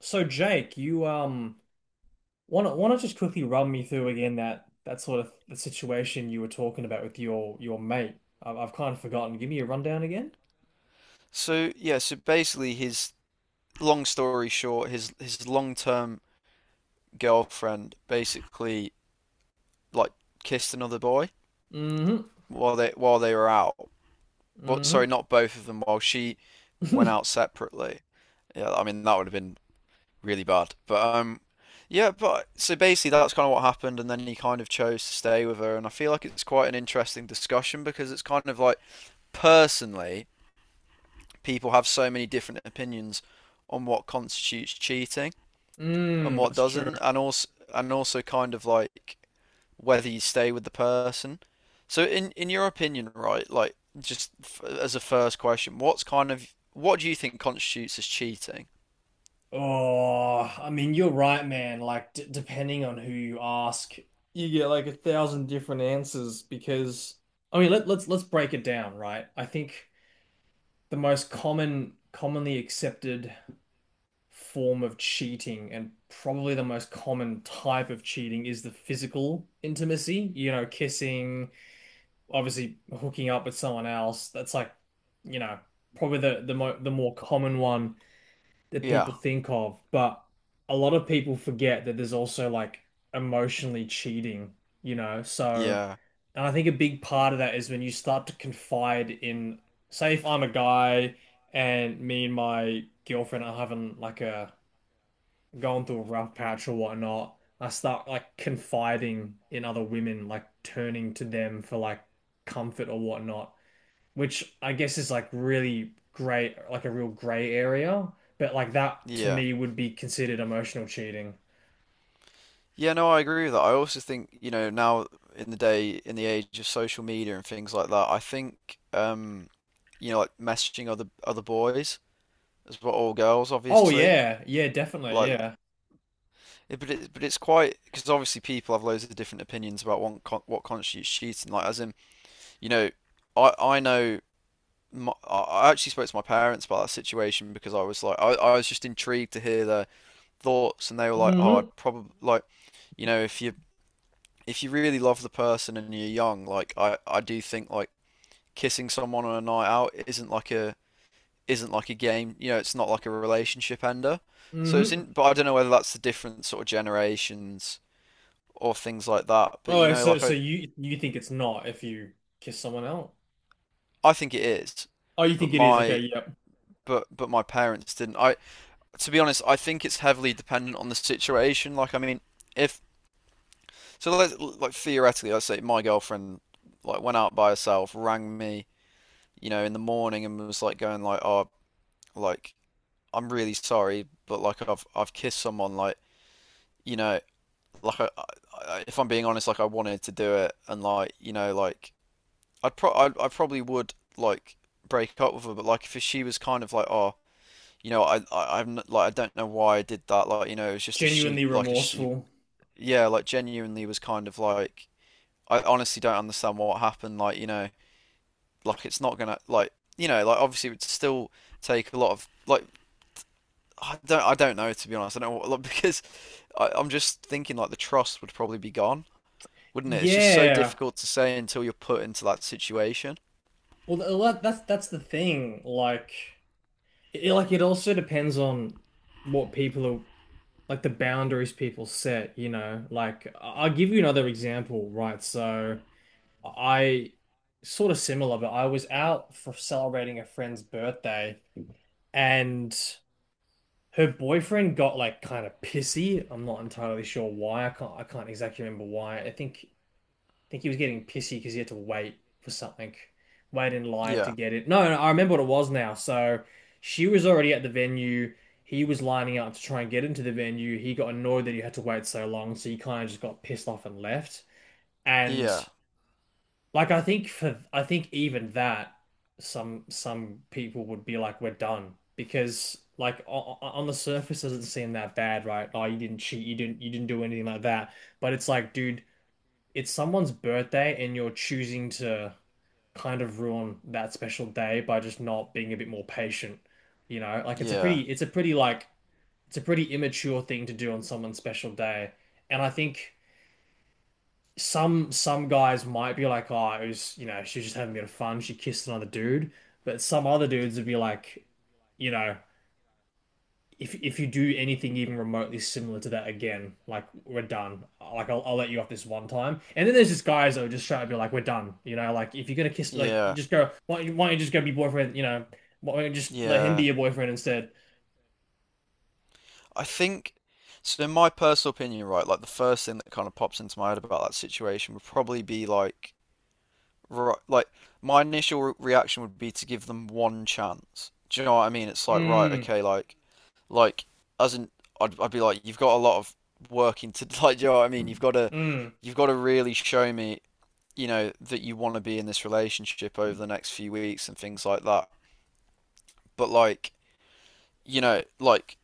So Jake, you wanna just quickly run me through again that sort of the situation you were talking about with your mate. I've kind of forgotten. Give me a rundown again. So yeah, so basically his long story short, his long-term girlfriend basically like kissed another boy Mm-hmm. While they were out. Well, Mm-hmm. sorry, not both of them, while she went out separately. Yeah, I mean that would have been really bad. But yeah, but so basically that's kind of what happened and then he kind of chose to stay with her and I feel like it's quite an interesting discussion because it's kind of like personally people have so many different opinions on what constitutes cheating and Mm, what that's true. doesn't, and also kind of like whether you stay with the person. So in your opinion, right, like just f as a first question, what's kind of what do you think constitutes as cheating? Oh, I mean, you're right, man. Like, d depending on who you ask, you get like a thousand different answers because I mean, let's break it down, right? I think the commonly accepted form of cheating and probably the most common type of cheating is the physical intimacy, you know, kissing, obviously hooking up with someone else. That's like, you know, probably the more common one that Yeah, people think of, but a lot of people forget that there's also like emotionally cheating, you know? So, yeah, and I think a big part of that is when you start to confide in, say, if I'm a guy and me and my girlfriend are having like a going through a rough patch or whatnot, I start like confiding in other women, like turning to them for like comfort or whatnot, which I guess is like really gray, like a real gray area. But like that to yeah. me would be considered emotional cheating. Yeah, no, I agree with that. I also think, you know, now in the day, in the age of social media and things like that, I think, you know, like messaging other boys as well, or girls, Oh obviously. yeah, yeah, definitely, Like, yeah. yeah, but it's quite because obviously people have loads of different opinions about what constitutes cheating. Like as in, you know, I I actually spoke to my parents about that situation because I was just intrigued to hear their thoughts and they were like, oh, Mm-hmm. I'd probably like, you know, if you really love the person and you're young, like I do think like kissing someone on a night out isn't like a game. You know, it's not like a relationship ender. So Mm-hmm. But I don't know whether that's the different sort of generations or things like that. But you Oh, know, so like so you think it's not if you kiss someone else? I think it is, Oh, you but think it is? my Okay, yep. But my parents didn't. I To be honest, I think it's heavily dependent on the situation. Like I mean, if so, like theoretically, I say my girlfriend like went out by herself, rang me, you know, in the morning and was like going like, oh, like I'm really sorry, but I've kissed someone, like you know, like I, if I'm being honest, like I wanted to do it, and like you know, like I probably would like break up with her, but like if she was kind of like, oh, you know, I'm not, like I don't know why I did that, like you know, it was just Genuinely a stu remorseful. yeah, like genuinely was kind of like I honestly don't understand what happened, like you know, like it's not gonna like you know, like obviously it would still take a lot of like I don't know. To be honest, I don't know what, like, because I'm just thinking like the trust would probably be gone, wouldn't it? It's just so Yeah. difficult to say until you're put into that situation. Well, well, that's the thing. Like it also depends on what people are, like the boundaries people set, you know, like I'll give you another example, right? So I sort of similar, but I was out for celebrating a friend's birthday and her boyfriend got like kind of pissy. I'm not entirely sure why. I can't exactly remember why. I think he was getting pissy because he had to wait for something, wait in line to Yeah, get it. No, no, I remember what it was now. So she was already at the venue. He was lining up to try and get into the venue. He got annoyed that he had to wait so long, so he kind of just got pissed off and left. And yeah, like I think even that some people would be like, we're done, because like on the surface it doesn't seem that bad, right? Oh, you didn't cheat, you didn't do anything like that. But it's like, dude, it's someone's birthday and you're choosing to kind of ruin that special day by just not being a bit more patient. You know, like yeah. it's a pretty like, it's a pretty immature thing to do on someone's special day. And I think some guys might be like, oh, it was, you know, she was just having a bit of fun. She kissed another dude. But some other dudes would be like, you know, if you do anything even remotely similar to that again, like we're done. Like I'll let you off this one time. And then there's just guys that are just trying to be like, we're done. You know, like if you're gonna kiss, like you Yeah, just go. Why don't you just go be boyfriend? You know, why don't you just let him be yeah. your boyfriend instead? I think so in my personal opinion, right, like the first thing that kind of pops into my head about that situation would probably be like right, like my initial reaction would be to give them one chance. Do you know what I mean? It's like right, Mm, okay, like as in I'd be like you've got a lot of working to like do you know what I mean? Mm, You've got to really show me, you know, that you want to be in this relationship over the next few weeks and things like that. But like, you know, like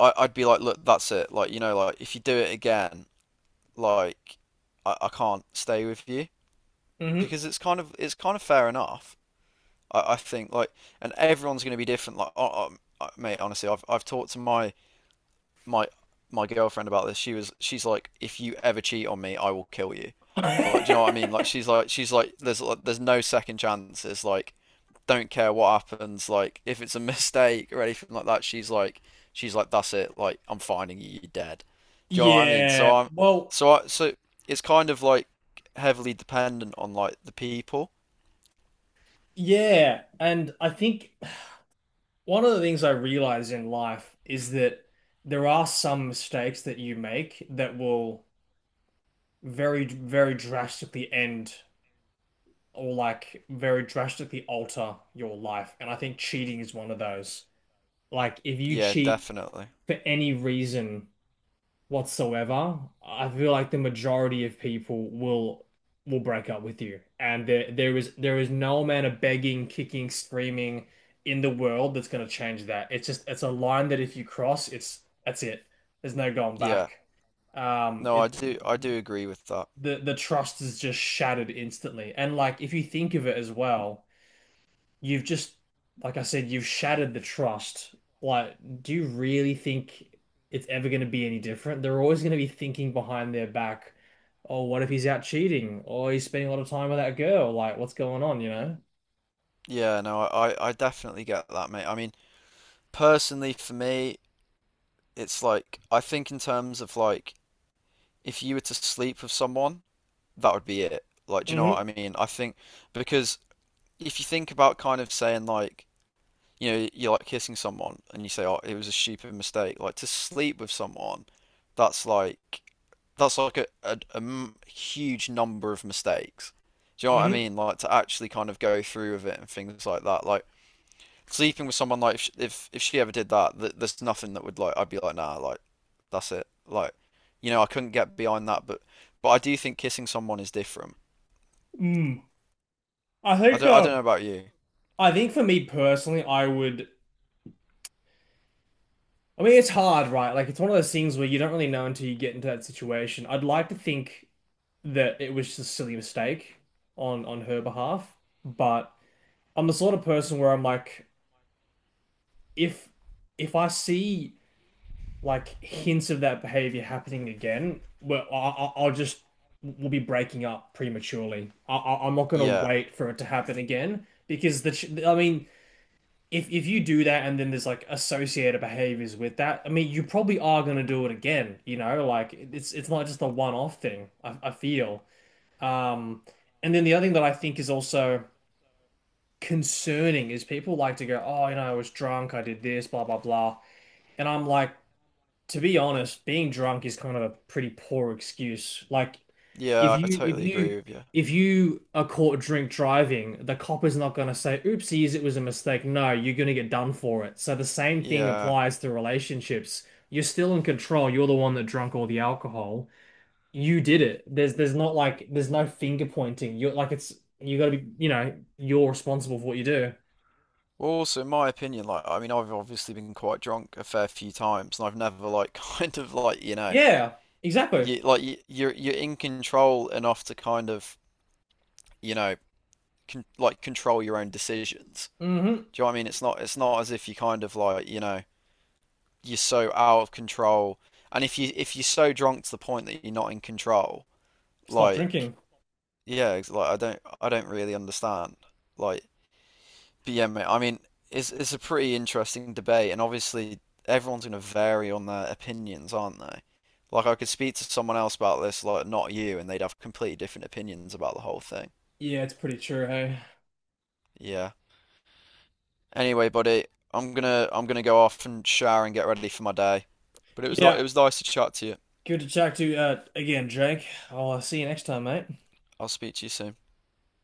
I'd be like, look, that's it. Like, you know, like if you do it again, like I can't stay with you mm-hmm. because it's it's kind of fair enough. I think like, and everyone's going to be different. Like, oh, mate, honestly, I've talked to my my girlfriend about this. She's like, if you ever cheat on me, I will kill you. Like, do you know what I mean? Like, she's like, there's no second chances. Like, don't care what happens. Like, if it's a mistake or anything like that, she's like that's it. Like, I'm finding you. You're dead. Do you know what I mean? Yeah. So Well, I so it's kind of like heavily dependent on like the people. yeah. And I think one of the things I realized in life is that there are some mistakes that you make that will very, very drastically end or like very drastically alter your life. And I think cheating is one of those. Like if you Yeah, cheat definitely. for any reason whatsoever, I feel like the majority of people will break up with you. And there is no amount of begging, kicking, screaming in the world that's going to change that. It's just it's a line that if you cross, it's that's it. There's no going Yeah. back. No, It I do agree with that. The trust is just shattered instantly. And like if you think of it as well, you've just, like I said, you've shattered the trust. Like, do you really think it's ever going to be any different? They're always going to be thinking behind their back, oh, what if he's out cheating? Or he's spending a lot of time with that girl. Like, what's going on, you know? Yeah, no, I definitely get that, mate. I mean, personally for me, it's like I think in terms of like if you were to sleep with someone, that would be it. Like, do you know what Mm-hmm. I mean? I think because if you think about kind of saying like, you know, you're like kissing someone and you say, "Oh, it was a stupid mistake." Like to sleep with someone, that's like that's like a huge number of mistakes. Do you know what I Mm-hmm. mean? Like to actually kind of go through with it and things like that. Like sleeping with someone like if sh- if she ever did that, th there's nothing that would like I'd be like nah, like that's it. Like you know I couldn't get behind that, but I do think kissing someone is different. Mm. I think, I don't um, know about you. I think for me personally, I would. I mean, it's hard, right? Like, it's one of those things where you don't really know until you get into that situation. I'd like to think that it was just a silly mistake on her behalf, but I'm the sort of person where I'm like, if if I see like hints of that behavior happening again, well, I'll just we'll be breaking up prematurely. I'm not gonna Yeah, wait for it to happen again because the ch I mean, if you do that and then there's like associated behaviors with that, I mean, you probably are gonna do it again. You know, like it's not just a one-off thing. I feel. Um, and then the other thing that I think is also concerning is people like to go, oh, you know, I was drunk, I did this, blah, blah, blah. And I'm like, to be honest, being drunk is kind of a pretty poor excuse. Like if yeah, I you if totally agree you with you. if you are caught drink driving, the cop is not going to say, oopsies, it was a mistake. No, you're going to get done for it. So the same thing Yeah. applies to relationships. You're still in control. You're the one that drunk all the alcohol. You did it. There's not like there's no finger pointing. You're like it's you got to be, you know, you're responsible for what you do. Well, also, in my opinion, like I mean, I've obviously been quite drunk a fair few times, and I've never like kind of like you know Yeah, exactly. You're in control enough to kind of you know control your own decisions. Mm-hmm. Do you know what I mean? It's not as if you kind of like you know you're so out of control. And if you're so drunk to the point that you're not in control, Stop like drinking. yeah, it's like I don't really understand. Like, but yeah, mate, I mean, it's a pretty interesting debate, and obviously everyone's gonna vary on their opinions, aren't they? Like, I could speak to someone else about this, like not you, and they'd have completely different opinions about the whole thing. Yeah, it's pretty true, hey. Yeah. Anyway, buddy, I'm gonna go off and shower and get ready for my day. But it was it Yeah, was nice to chat to you. good to chat to you again, Jake. I'll see you next time, mate. I'll speak to you soon.